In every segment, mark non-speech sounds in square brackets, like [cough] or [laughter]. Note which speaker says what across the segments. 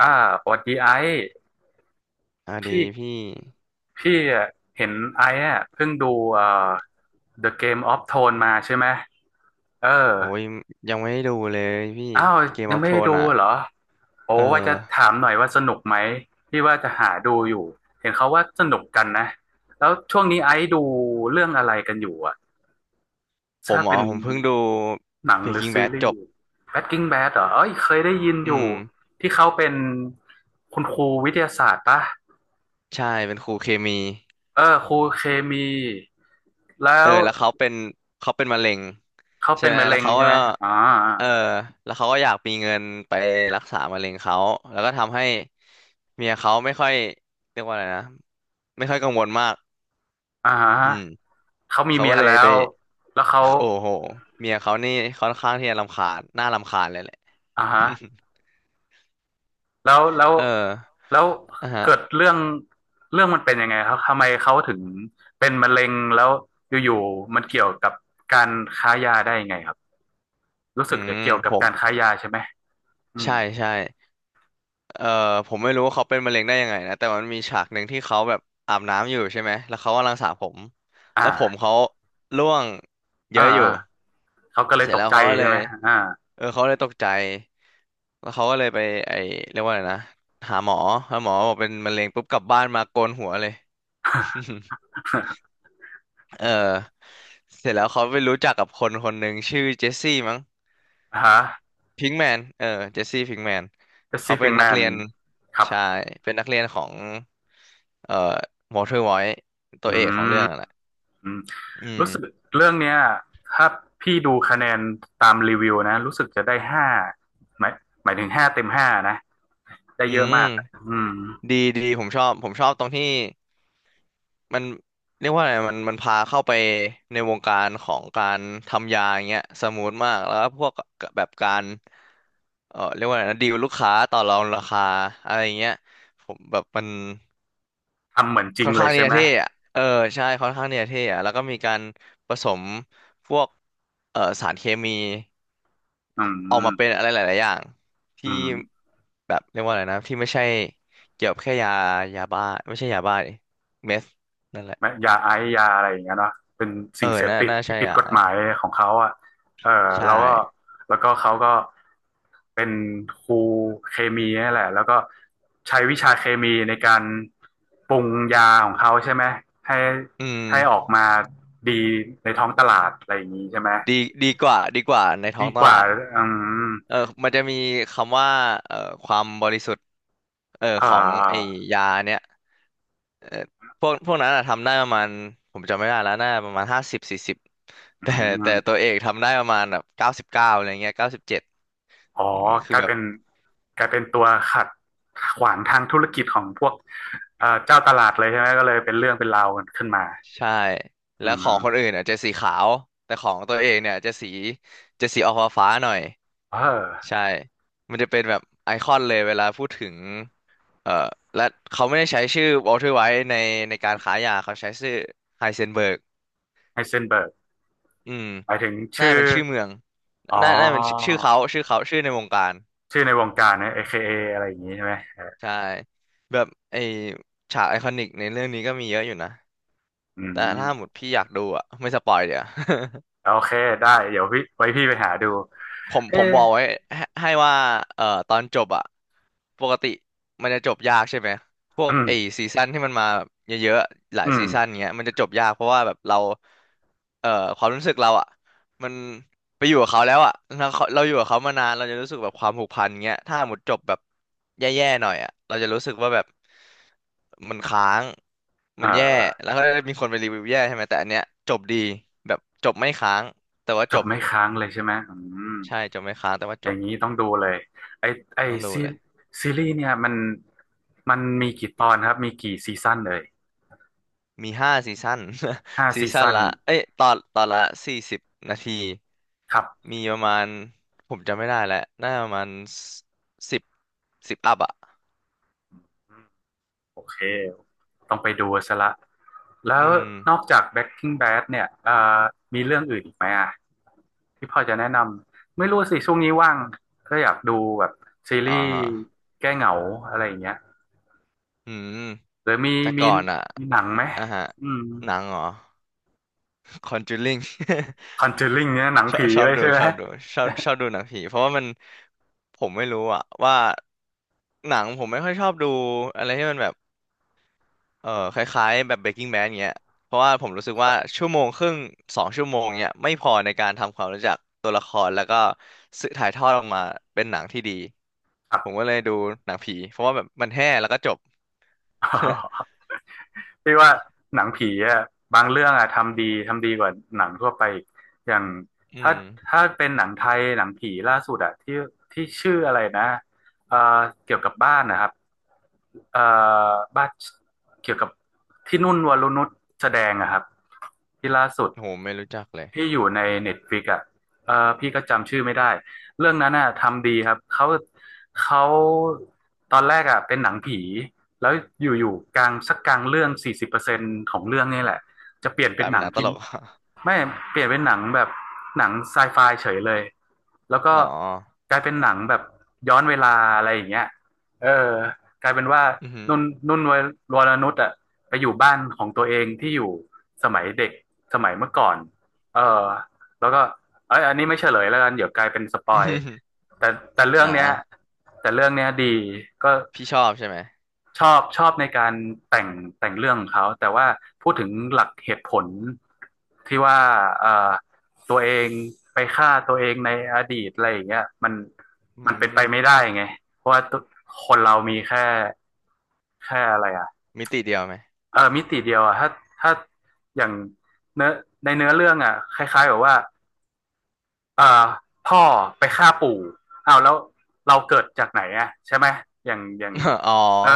Speaker 1: อ่าสวัสดีไอซ์
Speaker 2: อ่ะดี
Speaker 1: พี่
Speaker 2: พี่
Speaker 1: พี่อะเห็นไอซ์อะเพิ่งดูเอ่อ The Game of Thrones มาใช่ไหมเออ
Speaker 2: โอ้ยยังไม่ได้ดูเลยพี่
Speaker 1: อ้าว
Speaker 2: Game
Speaker 1: ยัง
Speaker 2: of
Speaker 1: ไม่ได้
Speaker 2: Thrones
Speaker 1: ดู
Speaker 2: อ่ะ
Speaker 1: เหรอโอ้
Speaker 2: เออ
Speaker 1: ว่าจะถามหน่อยว่าสนุกไหมพี่ว่าจะหาดูอยู่เห็นเขาว่าสนุกกันนะแล้วช่วงนี้ไอซ์ดูเรื่องอะไรกันอยู่อะ
Speaker 2: ผ
Speaker 1: ถ้า
Speaker 2: มอ๋
Speaker 1: เป็
Speaker 2: อ
Speaker 1: น
Speaker 2: ผมเพิ่งดู
Speaker 1: หนังหรือ
Speaker 2: Breaking
Speaker 1: ซี
Speaker 2: Bad
Speaker 1: รี
Speaker 2: จ
Speaker 1: ส์
Speaker 2: บ
Speaker 1: Breaking Bad เหรอเอ้ยเคยได้ยิน
Speaker 2: อื
Speaker 1: อยู่
Speaker 2: ม
Speaker 1: ที่เขาเป็นคุณครูวิทยาศาสตร์ปะ
Speaker 2: ใช่เป็นครูเคมี
Speaker 1: เออครูเคมีแล้
Speaker 2: เออ
Speaker 1: ว
Speaker 2: แล้วเขาเป็นมะเร็ง
Speaker 1: เขา
Speaker 2: ใช่
Speaker 1: เป็น
Speaker 2: ไหม
Speaker 1: มะเร็
Speaker 2: แล้ว
Speaker 1: ง
Speaker 2: เขา
Speaker 1: ใช่ไหม
Speaker 2: ก็
Speaker 1: อ๋อ
Speaker 2: เออแล้วเขาก็อยากมีเงินไปรักษามะเร็งเขาแล้วก็ทำให้เมียเขาไม่ค่อยเรียกว่าอะไรนะไม่ค่อยกังวลมาก
Speaker 1: อ่า
Speaker 2: อื
Speaker 1: ฮะ
Speaker 2: ม
Speaker 1: เขามี
Speaker 2: เขา
Speaker 1: เมี
Speaker 2: ก็
Speaker 1: ย
Speaker 2: เลย
Speaker 1: แล้
Speaker 2: ไป
Speaker 1: วแล้วเขา
Speaker 2: โอ้โหเมียเขานี่ค่อนข้างที่จะรำคาญน่ารำคาญเลยแหละ
Speaker 1: อ่าฮะ
Speaker 2: [laughs]
Speaker 1: แล้ว
Speaker 2: เออ
Speaker 1: แล้ว
Speaker 2: อ่ะฮะ
Speaker 1: เกิดเรื่องเรื่องมันเป็นยังไงครับทำไมเขาถึงเป็นมะเร็งแล้วอยู่ๆมันเกี่ยวกับการค้ายาได้ยังไงครับรู้
Speaker 2: อื
Speaker 1: สึกจะ
Speaker 2: ม
Speaker 1: เกี่ยว
Speaker 2: ผ
Speaker 1: กับ
Speaker 2: ม
Speaker 1: การค้ายาใช่ไหมอืม
Speaker 2: ใช่ใช่เออผมไม่รู้ว่าเขาเป็นมะเร็งได้ยังไงนะแต่มันมีฉากหนึ่งที่เขาแบบอาบน้ำอยู่ใช่ไหมแล้วเขากำลังสระผมแล้วผม
Speaker 1: อ่า
Speaker 2: เขาร่วงเย
Speaker 1: อ่า
Speaker 2: อะอยู่
Speaker 1: อ่าเขาก็เลย
Speaker 2: เสร็จ
Speaker 1: ตก
Speaker 2: แล้ว
Speaker 1: ใจ
Speaker 2: เขาก็เล
Speaker 1: ใช่
Speaker 2: ย
Speaker 1: ไหมอ่า
Speaker 2: เออเขาเลยตกใจแล้วเขาก็เลยไปไอเรียกว่าอะไรนะหาหมอแล้วหมอบอกเป็นมะเร็งปุ๊บกลับบ้านมาโกนหัวเลย [laughs] เออเสร็จแล้วเขาไปรู้จักกับคนคนหนึ่งชื่อเจสซี่มั้ง
Speaker 1: [laughs] อฮะ
Speaker 2: พิงแมนเจสซี่พิงแมน
Speaker 1: The
Speaker 2: เขาเป็น
Speaker 1: Sleeping
Speaker 2: นัก
Speaker 1: Man
Speaker 2: เรียน
Speaker 1: ครับ
Speaker 2: ใชายเป็นนักเรียนของเอ่อวอเตอร์ไวท์ตั
Speaker 1: อื
Speaker 2: วเอกของเรื่อ
Speaker 1: ม
Speaker 2: งอะแหละ
Speaker 1: อืม
Speaker 2: อื
Speaker 1: รู้
Speaker 2: ม
Speaker 1: สึกเรื่องเนี้ยถ้าพี่ดูคะแนนตามรีวิวนะรู้สึกจะได้ห้าหมายหมายถึง5 เต็ม 5นะได้
Speaker 2: อื
Speaker 1: เยอะ
Speaker 2: ม
Speaker 1: มากอะอืม
Speaker 2: ดีดีผมชอบตรงที่มันเรียกว่าอะไรมันพาเข้าไปในวงการของการทำยาอย่างเงี้ยสมูทมากแล้วก็พวกแบบการเรียกว่าอะไรนะดีลลูกค้าต่อรองราคาอะไรอย่างเงี้ยผมแบบมัน
Speaker 1: ทำเหมือนจริ
Speaker 2: ค่
Speaker 1: ง
Speaker 2: อน
Speaker 1: เล
Speaker 2: ข้า
Speaker 1: ย
Speaker 2: งเนี่
Speaker 1: ใช่
Speaker 2: จะ
Speaker 1: ไหม
Speaker 2: เท่อะเออใช่ค่อนข้างเนี่จะเท่อะแล้วก็มีการผสมพวกสารเคมี
Speaker 1: อื
Speaker 2: ออกมาเป็น
Speaker 1: ม
Speaker 2: อะไรหลายๆอย่าง
Speaker 1: อื
Speaker 2: ที่
Speaker 1: ม
Speaker 2: แบบเรียกว่าอะไรนะที่ไม่ใช่เกี่ยวกับแค่ยายาบ้าไม่ใช่ยาบ้าดิเมส นั่นแหละ
Speaker 1: ไม่ยาไอซ์ยาอะไรอย่างเงี้ยเนาะเป็น
Speaker 2: เอ
Speaker 1: สิ่
Speaker 2: อ
Speaker 1: งเสพ
Speaker 2: น่า
Speaker 1: ติด
Speaker 2: น่า
Speaker 1: ที่
Speaker 2: ใช่
Speaker 1: ผิด
Speaker 2: อ่ะ
Speaker 1: กฎหมายของเขาอ่ะเออ
Speaker 2: ใช่
Speaker 1: แล้วก็แล้วก็เขาก็เป็นครูเคมีนี่แหละแล้วก็ใช้วิชาเคมีในการปรุงยาของเขาใช่ไหมให้
Speaker 2: อืม
Speaker 1: ให้ออกมาดีในท้องตลาดอะไรอย่างนี้ใช่ไหม
Speaker 2: ดีกว่าในท้อ
Speaker 1: ดี
Speaker 2: งต
Speaker 1: กว่า
Speaker 2: ลาด
Speaker 1: อืม
Speaker 2: เออมันจะมีคำว่าเอ่อความบริสุทธิ์เออ
Speaker 1: อ่
Speaker 2: ของไอ้
Speaker 1: า
Speaker 2: ยาเนี้ย เออพวกนั้นอะทำได้ประมาณผมจำไม่ได้แล้วน่าประมาณ50สี่สิบ [laughs]
Speaker 1: อื
Speaker 2: แต่แต่
Speaker 1: ม
Speaker 2: ตัวเอกทำได้ประมาณแบบ99อะไรเงี้ย97
Speaker 1: อ๋อ
Speaker 2: อืมคือ
Speaker 1: กลาย
Speaker 2: แบบ
Speaker 1: เป็นกลายเป็นตัวขัดขวางทางธุรกิจของพวกเจ้าตลาดเลยใช่ไหมก็เลยเป็นเรื่องเป็นราวกันขึ้นมา
Speaker 2: ใช่
Speaker 1: อื
Speaker 2: แล้วของคนอื่
Speaker 1: ม
Speaker 2: นอะจะสีขาว แต่ของตัวเองเนี่ยจะสีจะสีออกฟ้าๆหน่อย
Speaker 1: เออ
Speaker 2: ใช่มันจะเป็นแบบไอคอนเลยเวลาพูดถึงเอ่อและเขาไม่ได้ใช้ชื่อวอลเทอร์ไวท์ในการขายยาเขาใช้ชื่อไฮเซนเบิร์ก
Speaker 1: ไฮเซนเบิร์ก
Speaker 2: อืม
Speaker 1: หมายถึง
Speaker 2: น่า
Speaker 1: ชื่อ
Speaker 2: เป็นชื่อเมือง
Speaker 1: อ๋อ
Speaker 2: น่าน่าเป็นชื่อชื่อเขาชื่อเขาชื่อในวงการ
Speaker 1: ชื่อในวงการนะ AKA อเคเออะไรอย่างนี้ใช่ไหมเออ
Speaker 2: ใช่แบบไอฉากไอคอนิกในเรื่องนี้ก็มีเยอะอยู่นะ
Speaker 1: อื
Speaker 2: แต่ถ้าหมด
Speaker 1: ม
Speaker 2: พี่อยากดูอ่ะไม่สปอยเดี๋ยว
Speaker 1: โอเคได้เดี๋ยวพี่ไว้พี่ไปหาดู
Speaker 2: ผม
Speaker 1: เอ
Speaker 2: ผม
Speaker 1: อ
Speaker 2: บอกไว้ให้ว่าตอนจบอะปกติมันจะจบยากใช่ไหมพว
Speaker 1: อื
Speaker 2: ก
Speaker 1: ม
Speaker 2: ไอ้ซีซั่นที่มันมาแบบเยอะๆหลา
Speaker 1: อื
Speaker 2: ยซี
Speaker 1: ม
Speaker 2: ซั่นเงี้ยมันจะจบยากเพราะว่าแบบเราเอ่อความรู้สึกเราอะมันไปอยู่กับเขาแล้วอะเราอยู่กับเขามานานเราจะรู้สึกแบบความผูกพันเงี้ยถ้าหมดจบแบบแย่ๆหน่อยอะเราจะรู้สึกว่าแบบมันค้าง
Speaker 1: เอ
Speaker 2: มันแย่
Speaker 1: อ
Speaker 2: แล้วก็มีคนไปรีวิวแย่ใช่ไหมแต่อันเนี้ยจบดีแบบจบไม่ค้างแต่ว่า
Speaker 1: จ
Speaker 2: จ
Speaker 1: บ
Speaker 2: บ
Speaker 1: ไม่ค้างเลยใช่ไหมอืม
Speaker 2: ใช่จบไม่ค้างแต่ว่า
Speaker 1: อ
Speaker 2: จ
Speaker 1: ย่าง
Speaker 2: บ
Speaker 1: นี้ต้องดูเลยไอไอ
Speaker 2: ต้องดู
Speaker 1: ซี
Speaker 2: เลย
Speaker 1: ซีรีส์เนี่ยมันมีกี่ตอนครับมีกี่ซีซั่นเลย
Speaker 2: มีห้าซีซั่น
Speaker 1: ห้า
Speaker 2: [laughs] ซี
Speaker 1: ซี
Speaker 2: ซั่น [laughs]
Speaker 1: ซั่น
Speaker 2: ละเอ้ยตอนละสี่สิบนาที
Speaker 1: ครับ
Speaker 2: มีประมาณ ผมจำไม่ได้แล้วน่าจะประมาณสิบ10+อ่ะ
Speaker 1: โอเคต้องไปดูซะละแล้
Speaker 2: อื
Speaker 1: ว
Speaker 2: ม
Speaker 1: นอกจาก Breaking Bad เนี่ยมีเรื่องอื่นอีกไหมอ่ะที่พอจะแนะนำไม่รู้สิช่วงนี้ว่างก็อยากดูแบบซี
Speaker 2: อ๋
Speaker 1: รี
Speaker 2: อ
Speaker 1: ส์
Speaker 2: ฮะ
Speaker 1: แก้เหงาอะไรอย่างเงี้ย
Speaker 2: อืม
Speaker 1: หรือมี
Speaker 2: แต่
Speaker 1: มี
Speaker 2: ก่อนอ่ะ
Speaker 1: มีหนังไหม
Speaker 2: อ่ะฮะ
Speaker 1: อืม
Speaker 2: หนังเหรอ Conjuring [laughs]
Speaker 1: Conjuring เนี่ยหนัง
Speaker 2: ชอบ
Speaker 1: ผี
Speaker 2: ชอ
Speaker 1: เล
Speaker 2: บ
Speaker 1: ย
Speaker 2: ดู
Speaker 1: ใช่ไหม
Speaker 2: ชอบดูชอบชอบดูหนังผีเพราะว่ามัน ผมไม่รู้อะว่าหนังผมไม่ค่อยชอบดูอะไรที่มันแบบ เออคล้ายๆแบบ Breaking Bad เงี้ยเพราะว่าผมรู้สึก
Speaker 1: ค
Speaker 2: ว่า
Speaker 1: รับ
Speaker 2: ชั่วโมงครึ่ง2ชั่วโมงเนี่ยไม่พอในการทำความรู้จักตัวละครแล้วก็สื่อถ่ายทอดออกมาเป็นหนังที่ดี
Speaker 1: ครั
Speaker 2: ผมก็เลยดูหนังผีเพราะว่าแบบมันแห้แล้วก็จบ
Speaker 1: บ พี่ว่าหนังผีอะบางเรื่องอะทำดีทำดีกว่าหนังทั่วไปอีกอย่าง
Speaker 2: [laughs] อื
Speaker 1: ถ้า
Speaker 2: ม
Speaker 1: ถ้าเป็นหนังไทยหนังผีล่าสุดอะที่ที่ชื่ออะไรนะเอ่อเกี่ยวกับบ้านนะครับเอ่อบ้านเกี่ยวกับที่นุ่นวรนุชแสดงอะครับที่ล่าสุด
Speaker 2: โหไม่รู้จักเลย
Speaker 1: ที่อยู่ในเน็ตฟลิกอ่ะเออพี่ก็จำชื่อไม่ได้เรื่องนั้นอ่ะทำดีครับเขาตอนแรกอ่ะเป็นหนังผีแล้วอยู่ๆกลางสักกลางเรื่อง40%ของเรื่องนี่แหละจะเปลี่ยน
Speaker 2: ก
Speaker 1: เป็
Speaker 2: ลา
Speaker 1: น
Speaker 2: ย
Speaker 1: ห
Speaker 2: เป็
Speaker 1: นั
Speaker 2: นห
Speaker 1: ง
Speaker 2: นังต
Speaker 1: ที่
Speaker 2: ลก
Speaker 1: ไม่เปลี่ยนเป็นหนังแบบหนังไซไฟเฉยเลยแล้ว
Speaker 2: [laughs]
Speaker 1: ก็
Speaker 2: อ๋อ
Speaker 1: กลายเป็นหนังแบบย้อนเวลาอะไรอย่างเงี้ยเออกลายเป็นว่า
Speaker 2: อือหือ
Speaker 1: นุ่นนุ่นวรนุชอ่ะไปอยู่บ้านของตัวเองที่อยู่สมัยเด็กสมัยเมื่อก่อน เออแล้วก็เอ้ยอันนี้ไม่เฉลยแล้วกันเดี๋ยวกลายเป็นสป
Speaker 2: [laughs] อื
Speaker 1: อ
Speaker 2: อ
Speaker 1: ย
Speaker 2: หือ
Speaker 1: แต่แต่เรื่อ
Speaker 2: อ่
Speaker 1: งเนี้ย
Speaker 2: า
Speaker 1: แต่เรื่องเนี้ยดีก็
Speaker 2: พี่ชอบใช่ไหม
Speaker 1: ชอบชอบในการแต่งแต่งเรื่องของเขาแต่ว่าพูดถึงหลักเหตุผลที่ว่าเออตัวเองไปฆ่าตัวเองในอดีตอะไรอย่างเงี้ยมัน
Speaker 2: อื
Speaker 1: มันเป็น
Speaker 2: ม
Speaker 1: ไปไม่ได้ไงเพราะว่าตัวคนเรามีแค่แค่อะไรอ่ะ
Speaker 2: มิติเดียวไหม
Speaker 1: เออมิติเดียวอ่ะถ้าถ้าอย่างเนื้อในเนื้อเรื่องอ่ะคล้ายๆแบบว่า เอ่อพ่อไปฆ่าปู่เอาวแล้วเราเกิดจากไหนอะใช่ไหมอย่างอย่าง
Speaker 2: [laughs] อ๋อ
Speaker 1: เออ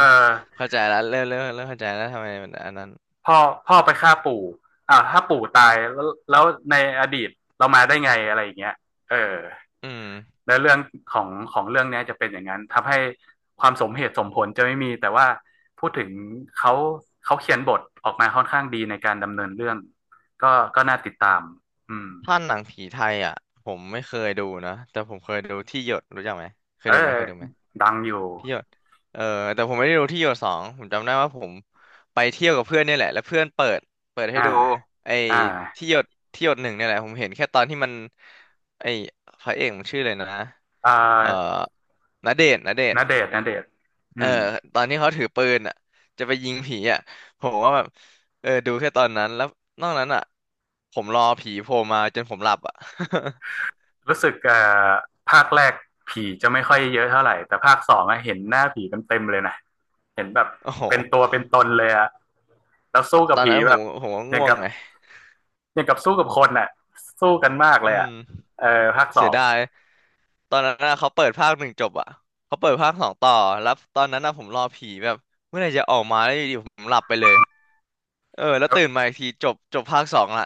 Speaker 2: เข้าใจแล้วเริ่มเข้าใจแล้วทำไมมันอันนั้น
Speaker 1: พ่อพ่อไปฆ่าปู่อ้าวถ้าปู่ตายแล้วแล้วในอดีตเรามาได้ไงอะไรอย่างเงี้ยเออ
Speaker 2: อืม
Speaker 1: ในเรื่องของของเรื่องนี้จะเป็นอย่างนั้นทำให้ความสมเหตุสมผลจะไม่มีแต่ว่าพูดถึงเขาเขาเขียนบทออกมาค่อนข้างดีในการดำเนินเรื่องก็ก็น่าติดตามอืม
Speaker 2: ถ้าหนังผีไทยอ่ะผมไม่เคยดูนะแต่ผมเคยดูที่หยดรู้จักไหมเคย
Speaker 1: เออ
Speaker 2: ดูไหมเคยดูไหม
Speaker 1: ดังอยู่
Speaker 2: ที่หยดเออแต่ผมไม่ได้ดูที่หยดสองผมจำได้ว่าผมไปเที่ยวกับเพื่อนเนี่ยแหละแล้วเพื่อนเปิดให้
Speaker 1: อ่า
Speaker 2: ดูไอ้
Speaker 1: อ่า
Speaker 2: ที่หยดที่หยดหนึ่งเนี่ยแหละผมเห็นแค่ตอนที่มันไอ้พระเอกมันชื่อเลยนะ
Speaker 1: อ่
Speaker 2: เอ่อ
Speaker 1: า
Speaker 2: ณเดชน์ณเด
Speaker 1: ณ
Speaker 2: ชน์
Speaker 1: เดชน์ณเดชน์อื
Speaker 2: เออ
Speaker 1: ม
Speaker 2: ตอนที่เขาถือปืนอ่ะจะไปยิงผีอ่ะผมว่าแบบเออดูแค่ตอนนั้นแล้วนอกนั้นอ่ะผมรอผีโผล่มาจนผมหลับอ่ะ [laughs]
Speaker 1: รู้สึกอภาคแรกผีจะไม่ค่อยเยอะเท่าไหร่ แต่ภาคสองอะเห็นหน้าผีเต็มเต็มเลยนะเห็นแบบ
Speaker 2: โอ้โห
Speaker 1: เป็นตัวเป็นตนเลยอะแล้ว
Speaker 2: ต
Speaker 1: สู้กั
Speaker 2: ต
Speaker 1: บ
Speaker 2: อน
Speaker 1: ผี
Speaker 2: นั้นผ
Speaker 1: แบ
Speaker 2: ม
Speaker 1: บ
Speaker 2: ผมก็
Speaker 1: อย่า
Speaker 2: ง่
Speaker 1: ง
Speaker 2: วง
Speaker 1: กับ
Speaker 2: ไง
Speaker 1: อย่างกับสู้กับคนอะสู้กันมากเล
Speaker 2: อื
Speaker 1: ยอะ
Speaker 2: ม
Speaker 1: เออภาคส
Speaker 2: เสี
Speaker 1: อ
Speaker 2: ย
Speaker 1: ง
Speaker 2: ดายตอนนั้นน่ะเขาเปิดภาคหนึ่งจบอ่ะเขาเปิดภาคสองต่อ แล้วตอนนั้นน่ะผมรอผีแบบเมื่อไหร่จะออกมาแล้วอยู่ดีผมหลับไปเลย เออ แล้ว
Speaker 1: แล้ว
Speaker 2: ตื่นมาอีกทีจบจบภาคสองละ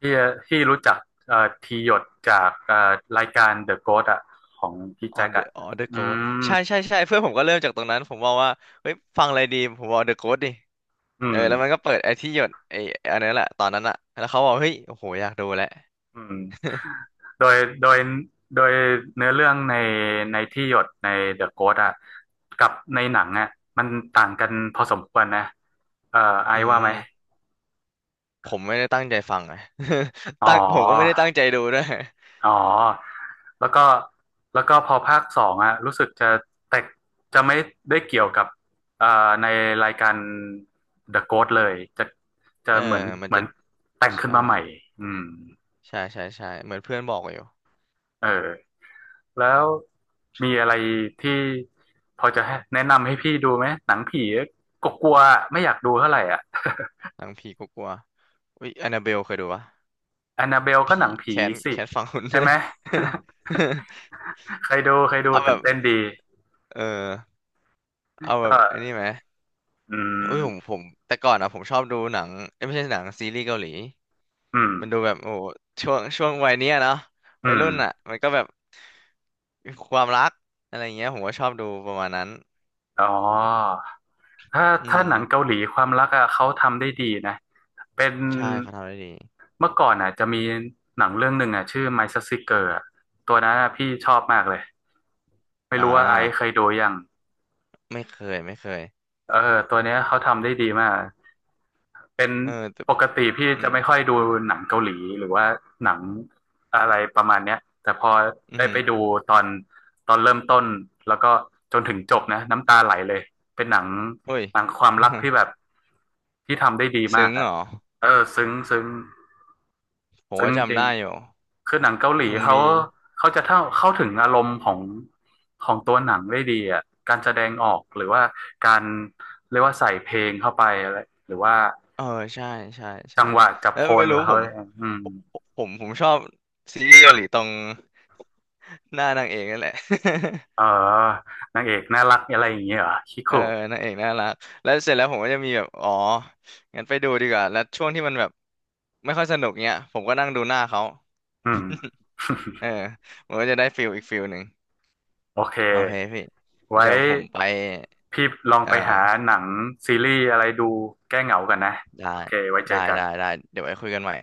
Speaker 1: ที่ที่รู้จักทีหยดจากรายการ The Ghost อะของพี่แจ็คอะ
Speaker 2: อ๋อเดอะโก
Speaker 1: อื
Speaker 2: ส
Speaker 1: ม
Speaker 2: ใช่ใช่ใช่เพื่อนผมก็เริ่มจากตรงนั้นผมบอกว่าเฮ้ยฟังอะไรดีผมบอกเดอะโกสดิ
Speaker 1: อื
Speaker 2: เออ
Speaker 1: ม
Speaker 2: แล้วมันก็เปิดไอ้ที่หยดอันนั้นแหละตอนนั้นอ่ะแล้วเขาบอกเฮ้ยโอ้โหอยากดูแหละ
Speaker 1: อืม
Speaker 2: [laughs]
Speaker 1: โดยโดยโดยเนื้อเรื่องในในที่หยดในเดอะโก s t อ่ะกับในหนังอ่ะมันต่างกันพอสมควรนะเอ่อไอ
Speaker 2: อื
Speaker 1: ซ์ว่าไหม
Speaker 2: มผมไม่ได้ตั้งใจฟังไง [laughs]
Speaker 1: อ๋
Speaker 2: ผมก็ไม่
Speaker 1: อ
Speaker 2: ได้ตั้งใจดูด้วย
Speaker 1: อ๋อแล้วก็แล้วก็พอภาคสองอ่ะรู้สึกจะแตกจะไม่ได้เกี่ยวกับเอ่อในรายการ The Ghost เลยจะจะ
Speaker 2: เออ
Speaker 1: เหมือน
Speaker 2: มัน
Speaker 1: เหมือ
Speaker 2: จะ
Speaker 1: นแต่งขึ้น
Speaker 2: ใช่
Speaker 1: มาใหม่อืม
Speaker 2: ใช่ใช่ใช่เหมือนเพื่อนบอกอยู่
Speaker 1: เออ แล้วมีอะไรที่พอจะให้แนะนำให้พี่ดูไหมหนังผีก็กลัวๆไม่อยากดูเท่าไหร่อ่ะ
Speaker 2: หนังผีกลัวๆอุ้ยแอนนาเบลเคยดูปะ
Speaker 1: แอนนาเบลก็ห
Speaker 2: ผี
Speaker 1: นังผี
Speaker 2: แค้น
Speaker 1: สิ
Speaker 2: แค้นฝังหุ่น
Speaker 1: ใช่ไหม [laughs]
Speaker 2: [laughs]
Speaker 1: ใครดูใครดู
Speaker 2: เอาแบ
Speaker 1: ตื่น
Speaker 2: บ
Speaker 1: เต้นดี
Speaker 2: เออเอาแบ
Speaker 1: ก็
Speaker 2: บไอันนี้ไหม
Speaker 1: อื
Speaker 2: อุ้ยผม
Speaker 1: ม
Speaker 2: ผมแต่ก่อนอะผมชอบดูหนังเอ้ยไม่ใช่หนังซีรีส์เกาหลี
Speaker 1: อืม
Speaker 2: มันดูแบบโอ้โหช่วงวัยเนี้ยเนาะ
Speaker 1: อื
Speaker 2: วัย
Speaker 1: ม
Speaker 2: รุ่นอะมันก็แบบความรักอะไรอย่างเงี้ยผมก็ชอบดูประมาณนั้น
Speaker 1: อ๋อถ้า
Speaker 2: อื
Speaker 1: ถ้า
Speaker 2: ม
Speaker 1: หนังเกาหลีความรักอะเขาทำได้ดีนะเป็น
Speaker 2: ใช่เขาทำได้ดี
Speaker 1: เมื่อก่อนอะจะมีหนังเรื่องหนึ่งอะชื่อ My Sexy Girl อะตัวนั้นอะพี่ชอบมากเลยไม่
Speaker 2: อ่า
Speaker 1: รู้ว่าไอซ์เคยดูยัง
Speaker 2: ไม่เคยไม่เคย
Speaker 1: เออตัวเนี้ยเขาทำได้ดีมาก เป็น
Speaker 2: เออแต่
Speaker 1: ปกติพี่
Speaker 2: อื
Speaker 1: จะ
Speaker 2: ม
Speaker 1: ไม่ค่อยดูหนังเกาหลีหรือว่าหนังอะไรประมาณเนี้ยแต่พอ
Speaker 2: อื
Speaker 1: ได้
Speaker 2: ม
Speaker 1: ไปดูตอนตอนเริ่มต้นแล้วก็จนถึงจบนะน้ำตาไหลเลย เป็นหนัง
Speaker 2: เฮ้ย
Speaker 1: หนังความรักที่แบบที่ทำได้ดี
Speaker 2: [laughs]
Speaker 1: มา
Speaker 2: ซึ้
Speaker 1: ก
Speaker 2: งเห
Speaker 1: อะ
Speaker 2: รอ
Speaker 1: เออซึ้งซึ้ง
Speaker 2: ผม
Speaker 1: ซึ้ง
Speaker 2: ว่า
Speaker 1: จ
Speaker 2: จำ
Speaker 1: ริง
Speaker 2: ได้อยู่
Speaker 1: คือหนังเกาหลี
Speaker 2: มัน
Speaker 1: เขา
Speaker 2: มี
Speaker 1: เขาจะเข้าเข้าถึงอารมณ์ของของตัวหนังได้ดีอ่ะการแสดงออกหรือว่าการเรียกว่าใส่เพลงเข้าไปอะไรหรือว่า
Speaker 2: เออใช่ใช่ใช่
Speaker 1: จังหวะจับ
Speaker 2: แล้
Speaker 1: โพ
Speaker 2: วไม่
Speaker 1: ล
Speaker 2: รู้ผ
Speaker 1: เขา
Speaker 2: ม
Speaker 1: อืม
Speaker 2: ผมชอบซีรีส์เกาหลีตรง [laughs] หน้านางเอกนั่นแหละ [laughs]
Speaker 1: เออนางเอกน่ารักอะไรอย่างเงี้ยเหรอคิ
Speaker 2: เอ
Speaker 1: คุ
Speaker 2: อนางเอกน่ารักแล้วเสร็จแล้วผมก็จะมีแบบอ๋องั้นไปดูดีกว่าแล้วช่วงที่มันแบบไม่ค่อยสนุกเนี้ยผมก็นั่งดูหน้าเขา
Speaker 1: อืม
Speaker 2: เอ
Speaker 1: [laughs]
Speaker 2: อผมก็จะได้ฟิลอีกฟิลหนึ่ง
Speaker 1: โอเค
Speaker 2: โอเคพี่
Speaker 1: ไว้
Speaker 2: เดี๋ยวผมไป
Speaker 1: พี่ลอง
Speaker 2: เออ
Speaker 1: ไปหาหนังซีรีส์อะไรดูแก้เหงากันนะ
Speaker 2: ได้
Speaker 1: โอเคไว้เจ
Speaker 2: ได้
Speaker 1: อกัน
Speaker 2: ได้ได้เดี๋ยวไว้คุยกันใหม่